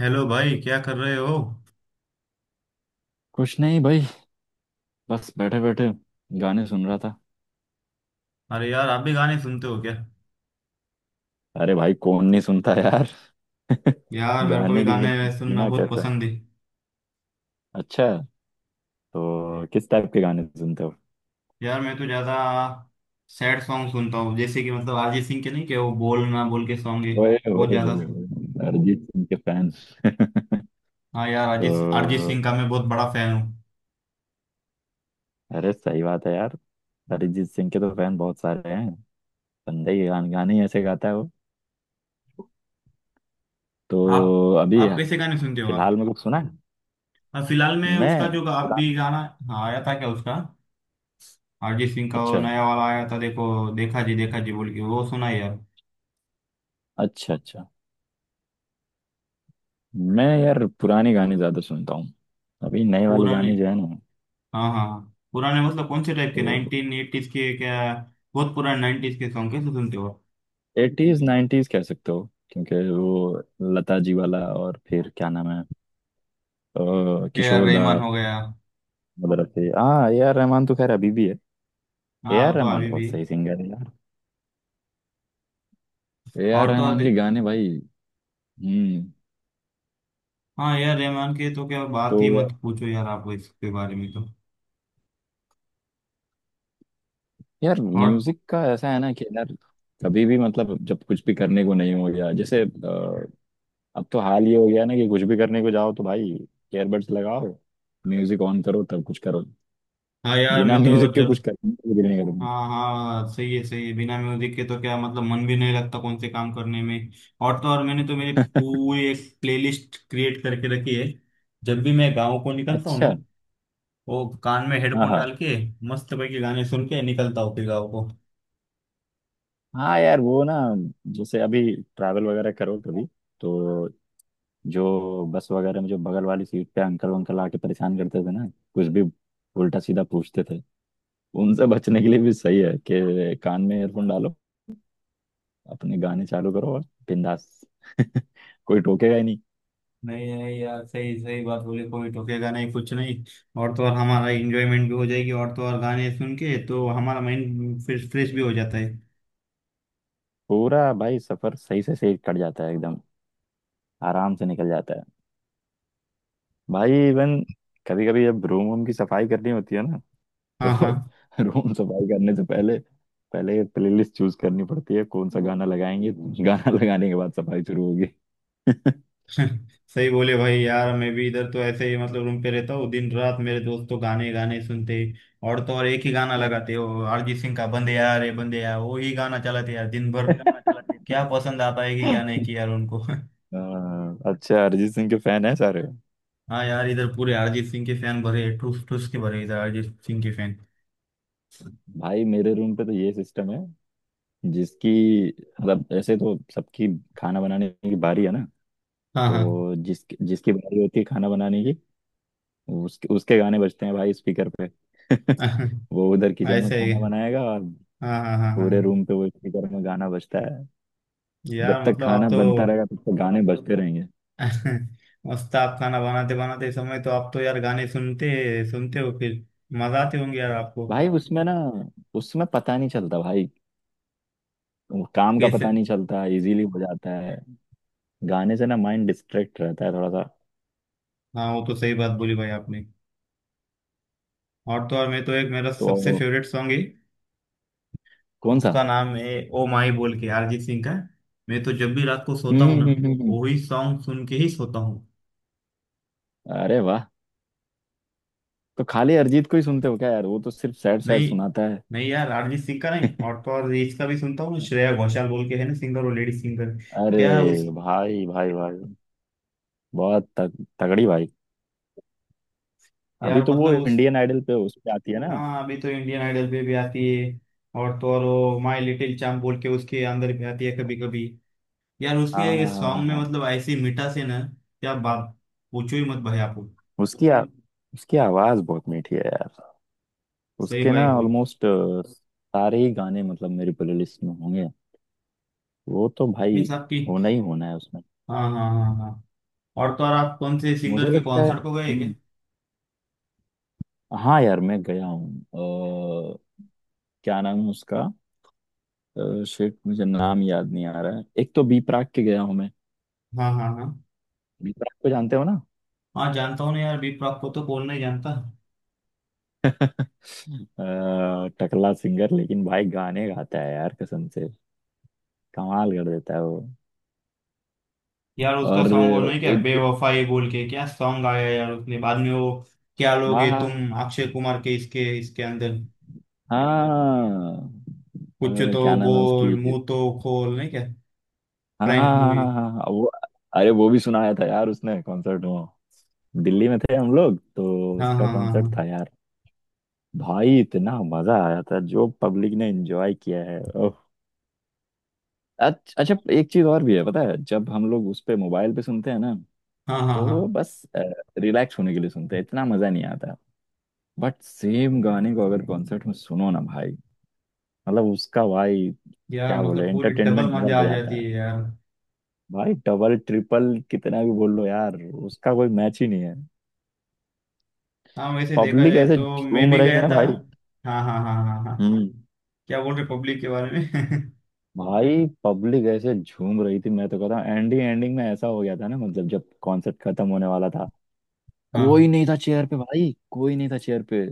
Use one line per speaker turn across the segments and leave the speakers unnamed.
Hello भाई, क्या कर रहे हो?
कुछ नहीं भाई। बस बैठे बैठे गाने सुन रहा था।
अरे यार, आप भी गाने सुनते हो क्या?
अरे भाई कौन नहीं सुनता यार।
यार मेरे को भी
गाने के
गाने
बिना
सुनना
जीना
बहुत
कैसा
पसंद
है?
है।
अच्छा। तो किस टाइप के गाने सुनते हो?
यार मैं तो ज़्यादा सैड सॉन्ग सुनता हूँ, जैसे कि मतलब अरिजीत सिंह के, नहीं कि वो बोल ना बोल के सॉन्ग है।
ओए
बहुत
ओए
ज़्यादा
ओए
सुन।
ओए, अरिजीत सिंह के फैन।
हाँ यार,
तो
अरिजीत अरिजीत सिंह का मैं बहुत बड़ा फैन हूँ।
अरे सही बात है यार। अरिजीत सिंह के तो फैन बहुत सारे हैं। बंदे ही गाने ही ऐसे गाता है वो।
आप
तो अभी
आप कैसे गाने सुनते हो आप?
फिलहाल में कुछ सुना है
हाँ, फिलहाल में उसका
मैं
जो आप भी
पुराना।
गाना। हाँ, आया था क्या उसका? अरिजीत सिंह का वो
अच्छा
नया वाला आया था, देखो। देखा जी बोल के वो सुना है यार।
अच्छा अच्छा। मैं यार पुराने गाने ज्यादा सुनता हूँ। अभी नए वाले
पूरा।
गाने जो है ना
हाँ हाँ हाँ। पुराने मतलब कौन से टाइप के,
तो
नाइनटीन एटीज के क्या? बहुत पुराने नाइनटीज के सॉन्ग कैसे सुनते हो?
एटीज नाइन्टीज कह सकते हो। क्योंकि वो लता जी वाला और फिर क्या नाम है,
ए आर
किशोर दा
रहमान हो गया।
वगैरह थे। हाँ ए आर रहमान तो खैर अभी भी है। ए
हाँ, वो
आर
तो
रहमान
अभी भी।
बहुत सही सिंगर है यार। ए आर
और तो
रहमान
अधि-
के गाने भाई। हम्म।
हाँ यार, रहमान के तो क्या बात ही
तो
मत पूछो यार, आप इसके बारे में तो।
यार
और।
म्यूजिक का ऐसा है ना कि यार कभी भी मतलब जब कुछ भी करने को नहीं हो गया जैसे अब तो हाल ये हो गया ना कि कुछ भी करने को जाओ तो भाई ईयरबड्स लगाओ, म्यूजिक ऑन करो तब कुछ करो।
हाँ यार,
बिना
मैं तो
म्यूजिक के कुछ
जब।
करने को भी नहीं करूंगा।
हाँ हाँ, सही है सही है, बिना म्यूजिक के तो क्या मतलब मन भी नहीं लगता कौन से काम करने में। और तो और मैंने तो मेरी पूरी एक प्लेलिस्ट क्रिएट करके रखी है। जब भी मैं गाँव को निकलता हूँ ना,
अच्छा।
वो कान में
हाँ
हेडफोन
हाँ।
डाल के मस्त पैकी गाने सुन के निकलता हूँ फिर गाँव को।
हाँ यार वो ना जैसे अभी ट्रैवल वगैरह करो कभी। तो जो बस वगैरह में जो बगल वाली सीट पे अंकल वंकल आके परेशान करते थे ना, कुछ भी उल्टा सीधा पूछते थे। उनसे बचने के लिए भी सही है कि कान में ईयरफोन डालो, अपने गाने चालू करो और बिंदास। कोई टोकेगा ही नहीं।
नहीं नहीं यार, सही सही बात बोली, कोई टोकेगा नहीं कुछ नहीं। और तो और हमारा इंजॉयमेंट भी हो जाएगी, और तो और गाने सुन के तो हमारा माइंड फिर फ्रेश भी हो जाता है।
पूरा भाई सफर सही से सही कट जाता है एकदम। आराम से निकल जाता है। भाई इवन कभी कभी जब रूम वूम की सफाई करनी होती है ना तो
हाँ हाँ।
रूम सफाई करने से पहले पहले प्लेलिस्ट चूज करनी पड़ती है कौन सा गाना लगाएंगे। गाना लगाने के बाद सफाई शुरू होगी।
सही बोले भाई, यार मैं भी इधर तो ऐसे ही मतलब रूम पे रहता हूँ, दिन रात मेरे दोस्त तो गाने गाने सुनते हैं। और तो और एक ही गाना लगाते हो, अरिजीत सिंह का बंदे यार, ये बंदे यार वो ही गाना चलाते यार दिन भर। क्या पसंद आता है कि क्या नहीं कि यार उनको।
हाँ, अच्छा अरिजीत सिंह के फैन है सारे।
हाँ यार, इधर पूरे अरिजीत सिंह के फैन भरे हैं, ठूस ठूस के भरे हैं इधर अरिजीत सिंह के फैन।
भाई मेरे रूम पे तो ये सिस्टम है, जिसकी मतलब ऐसे तो सबकी खाना बनाने की बारी है ना।
हाँ
तो जिस जिसकी बारी होती है खाना बनाने की, उसके उसके गाने बजते हैं भाई स्पीकर पे।
हाँ।
वो उधर किचन में
ऐसे ही।
खाना बनाएगा और
हाँ हाँ हाँ हाँ
पूरे
हाँ।
रूम पे वो स्पीकर में गाना बजता है। जब
यार
तक
मतलब आप
खाना
तो।
बनता रहेगा तब तक गाने बजते रहेंगे।
मस्त, आप खाना बनाते बनाते समय तो आप तो यार गाने सुनते सुनते हो फिर। मजा आते होंगे यार आपको।
भाई उसमें ना उसमें पता नहीं चलता भाई। काम का
कैसे?
पता नहीं चलता, इजीली हो जाता है। गाने से ना माइंड डिस्ट्रैक्ट रहता है थोड़ा सा।
हाँ, वो तो सही बात बोली भाई आपने। और तो और मैं तो, एक मेरा सबसे
तो
फेवरेट सॉन्ग है।
कौन सा?
उसका नाम है ओ माई बोल के, अरिजीत सिंह का। मैं तो जब भी रात को सोता
हम्म
हूँ ना,
हम्म, हम्म, हम्म।
वही सॉन्ग सुन के ही सोता हूँ।
अरे वाह। तो खाली अरिजीत को ही सुनते हो क्या यार, वो तो सिर्फ सैड सैड
नहीं
सुनाता है।
नहीं यार अरिजीत सिंह का नहीं, और तो और इसका भी सुनता हूँ, श्रेया घोषाल बोल के है ना सिंगर, वो लेडी सिंगर।
अरे
क्या उस।
भाई भाई भाई। बहुत तगड़ी भाई। अभी
यार
तो वो
मतलब उस।
इंडियन आइडल पे उस पे आती है ना।
हाँ, अभी तो इंडियन आइडल पे भी आती है। और तो और वो माय लिटिल चैम्प बोल के उसके अंदर भी आती है कभी कभी। यार
हाँ हाँ
उसके
हाँ हाँ
सॉन्ग में
हाँ।
मतलब ऐसी मिठास है ना, क्या बात, पूछो ही मत भाई आप।
उसकी आ, उसकी आवाज बहुत मीठी है यार।
सही
उसके ना
भाई बोल।
ऑलमोस्ट सारे ही गाने मतलब मेरी प्लेलिस्ट में होंगे। वो तो भाई
मीन्स आपकी।
होना ही होना है उसमें।
हाँ हाँ हाँ हाँ। और तो और आप कौन से
मुझे
सिंगर के
लगता है
कॉन्सर्ट को गए क्या?
हाँ यार मैं गया हूँ, क्या नाम है उसका। शिट मुझे नाम याद नहीं आ रहा है। एक तो बी प्राक के गया हूँ मैं।
हाँ हाँ हाँ।
बी प्राक को जानते हो ना।
हाँ, जानता हूँ ना यार, बी प्राक को तो कौन नहीं जानता।
टकला सिंगर लेकिन भाई गाने गाता है यार कसम से। कमाल कर देता है वो।
यार उसका
और
सॉन्ग वो नहीं क्या,
एक
बेवफाई बोल के क्या सॉन्ग आया यार उसने बाद में, वो क्या
हाँ
लोगे
हाँ
तुम अक्षय कुमार के, इसके इसके अंदर।
हाँ।
कुछ
अ,
तो
क्या नाम है
बोल,
उसकी।
मुंह तो खोल नहीं क्या,
हाँ हाँ
प्रैंक
हाँ
मूवी।
हाँ हाँ हाँ, वो अरे वो भी सुनाया था यार उसने कॉन्सर्ट में। दिल्ली में थे हम लोग तो
हाँ
उसका
हाँ
कॉन्सर्ट
हाँ
था यार। भाई इतना मजा आया था, जो पब्लिक ने एंजॉय किया है ओह। अच्छा एक चीज और भी है पता है, जब हम लोग उस पे मोबाइल पे सुनते हैं ना
हाँ हाँ हाँ
तो
हाँ।
बस रिलैक्स होने के लिए सुनते हैं, इतना मजा नहीं आता। बट सेम गाने को अगर कॉन्सर्ट में सुनो ना भाई, मतलब उसका भाई
यार
क्या बोले
मतलब पूरी डबल
एंटरटेनमेंट डबल
मजा
हो
आ
जाता
जाती
है।
है यार।
भाई डबल ट्रिपल कितना भी बोल लो यार, उसका कोई मैच ही नहीं है।
हाँ वैसे देखा
पब्लिक
जाए
ऐसे
तो मैं
झूम
भी
रही थी
गया
ना
था।
भाई।
हाँ हाँ हाँ हाँ हाँ।
हम्म
क्या बोल रहे पब्लिक के बारे में।
भाई पब्लिक ऐसे झूम रही थी, मैं तो कहता हूँ एंडिंग एंडिंग में ऐसा हो गया था ना। मतलब जब कॉन्सर्ट खत्म होने वाला था कोई
हाँ
नहीं था चेयर पे भाई, कोई नहीं था चेयर पे।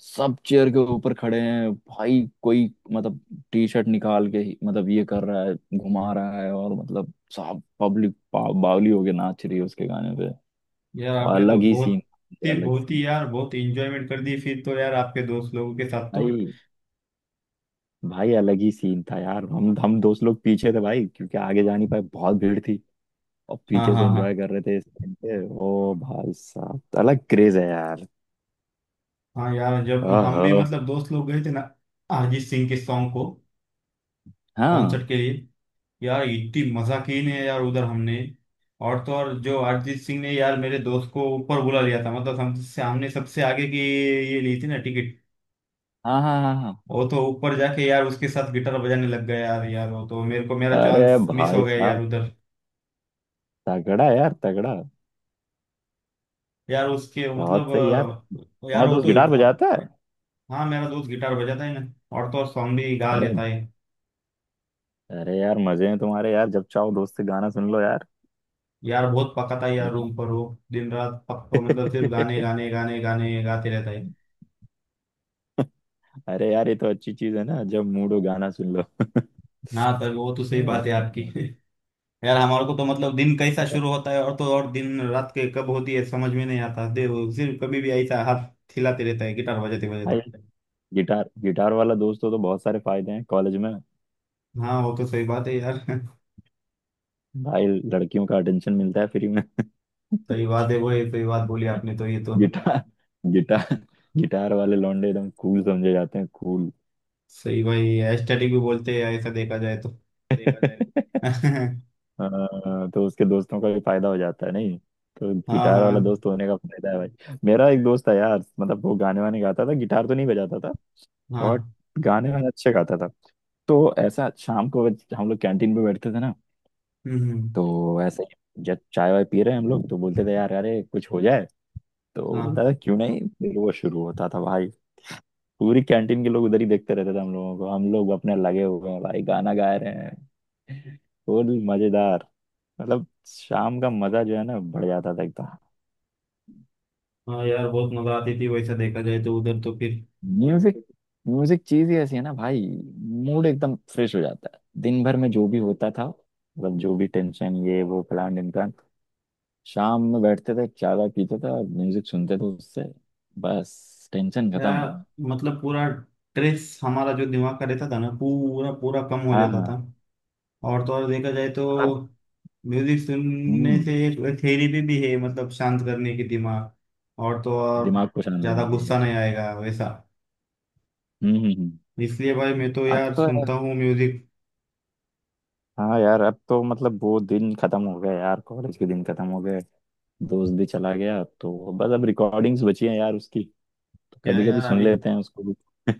सब चेयर के ऊपर खड़े हैं भाई, कोई मतलब टी शर्ट निकाल के मतलब ये कर रहा है घुमा रहा है और मतलब साहब पब्लिक बावली होके नाच रही है उसके गाने पे।
यार,
और
आपने तो
अलग ही सीन, अलग
बहुत
सीन।
ही यार, बहुत इंजॉयमेंट कर दी फिर तो यार आपके दोस्त लोगों के साथ तो।
भाई भाई अलग ही सीन था यार। हम दोस्त लोग पीछे थे भाई क्योंकि आगे जा नहीं पाए, बहुत भीड़ थी। और
हाँ
पीछे से
हाँ हाँ
एंजॉय कर रहे थे इस टाइम पे। ओ भाई साहब तो अलग क्रेज है यार।
हाँ। यार जब हम भी
आहा।
मतलब दोस्त लोग गए थे ना अरिजीत सिंह के सॉन्ग को,
हाँ
कॉन्सर्ट के लिए, यार इतनी मजा की ने यार उधर हमने। और तो और जो अरिजीत सिंह ने, यार मेरे दोस्त को ऊपर बुला लिया था मतलब, हमसे हमने सबसे आगे की ये ली थी ना टिकट।
हाँ हाँ हाँ हाँ।
वो तो ऊपर जाके यार उसके साथ गिटार बजाने लग गया यार यार वो तो मेरे को मेरा
अरे
चांस मिस हो
भाई
गया यार
साहब
उधर।
तगड़ा यार तगड़ा।
यार उसके
बहुत
मतलब।
सही यार।
यार
तुम्हारा
वो
दोस्त
तो।
गिटार
आप।
बजाता है।
हाँ मेरा दोस्त गिटार बजाता है ना, और तो और सॉन्ग भी गा
अरे
लेता है।
अरे यार मजे हैं तुम्हारे यार, जब चाहो दोस्त से गाना सुन लो यार।
यार बहुत पकाता है यार
गिटार।
रूम पर वो, दिन रात पक्का, मतलब सिर्फ गाने गाने गाने गाने गाते रहता है।
अरे यार ये तो अच्छी चीज है ना, जब मूड हो गाना सुन
हाँ सर, वो तो सही
लो।
बात है आपकी। यार हमारे को तो मतलब दिन कैसा शुरू होता है और तो और दिन रात के कब होती है समझ में नहीं आता, दे वो सिर्फ कभी भी ऐसा हाथ हिलाते रहता है गिटार बजाते
भाई
बजाते।
गिटार गिटार वाला दोस्त हो तो बहुत सारे फायदे हैं कॉलेज में।
हाँ वो तो सही बात है यार।
भाई लड़कियों का अटेंशन मिलता है फ्री में।
सही बात है वो, ये सही बात बोली आपने तो ये तो।
गिटार गिटार गिटार वाले लौंडे एकदम कूल समझे जाते हैं, कूल।
सही भाई, एस्थेटिक भी बोलते हैं ऐसा देखा जाए तो।
हाँ, तो उसके दोस्तों का भी फायदा हो जाता है, नहीं तो
हाँ
गिटार वाला
हाँ
दोस्त होने का फायदा है भाई। मेरा एक दोस्त था यार, मतलब वो गाने वाने गाता था, गिटार तो नहीं बजाता था बट
हाँ।
गाने वाने अच्छे गाता था। तो ऐसा शाम को हम लोग कैंटीन पे बैठते थे ना।
हम्म हम्म,
तो ऐसे ही जब चाय वाय पी रहे हैं हम लोग तो बोलते थे यार अरे कुछ हो जाए। तो
हाँ
बोलता था क्यों नहीं, फिर वो शुरू होता था भाई। पूरी कैंटीन के लोग उधर ही देखते रहते थे हम लोगों को, हम लोग अपने लगे हुए हैं भाई गाना गा रहे हैं। फुल मजेदार। मतलब शाम का मजा जो है ना बढ़ जाता था एकदम।
हाँ, यार बहुत मजा आती थी वैसा देखा जाए तो उधर तो फिर।
म्यूजिक म्यूजिक चीज ही ऐसी है ना भाई। मूड एकदम फ्रेश हो जाता है, दिन भर में जो भी होता था मतलब जो भी टेंशन ये वो फलान ढिमकान। शाम में बैठते थे चाय वाय पीते थे और म्यूजिक सुनते थे, उससे बस टेंशन
या
खत्म।
मतलब पूरा ट्रेस हमारा जो दिमाग का रहता था ना पूरा पूरा कम हो
हाँ
जाता
हाँ।
था। और तो और देखा जाए तो
अब
म्यूजिक सुनने
हम्म
से एक थेरेपी भी है मतलब शांत करने की दिमाग। और तो और
दिमाग को शांत
ज्यादा
करने के लिए।
गुस्सा नहीं आएगा वैसा।
हम्म हम्म हम्म।
इसलिए भाई मैं तो
अब
यार
तो
सुनता हूँ म्यूजिक।
हाँ यार, अब तो मतलब वो दिन खत्म हो गया यार, कॉलेज के दिन खत्म हो गए। दोस्त भी चला गया तो बस अब रिकॉर्डिंग्स बची हैं यार उसकी। तो
क्या
कभी कभी
यार
सुन
अभी,
लेते हैं उसको भी।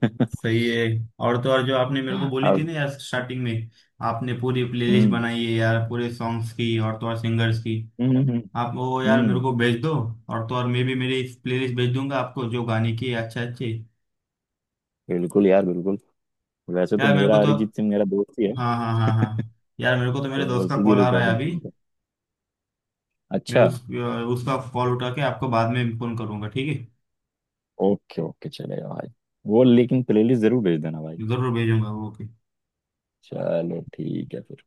सही है। और तो और जो आपने मेरे को बोली थी
अब
ना यार स्टार्टिंग में, आपने पूरी प्लेलिस्ट
हम्म
बनाई है यार पूरे सॉन्ग्स की और तो और सिंगर्स की,
हम्म हम्म हम्म,
आप वो यार मेरे
हम्म,
को भेज दो। और तो और मैं भी मेरी प्लेलिस्ट भेज दूंगा आपको जो गाने की है अच्छे अच्छे।
बिल्कुल यार बिल्कुल। वैसे तो
यार मेरे को
मेरा
तो।
अरिजीत सिंह मेरा दोस्त ही है
हाँ हाँ हाँ हाँ। यार मेरे को तो मेरे
तो
दोस्त का
उसी की
कॉल आ रहा है
रिकॉर्डिंग
अभी,
सुनते हैं।
मैं
अच्छा।
उस उसका कॉल उठा के आपको बाद में फोन करूंगा, ठीक
ओके ओके चलेगा भाई। वो लेकिन प्लेलिस्ट जरूर भेज देना भाई।
है, जरूर भेजूंगा, ओके।
चलो ठीक है फिर।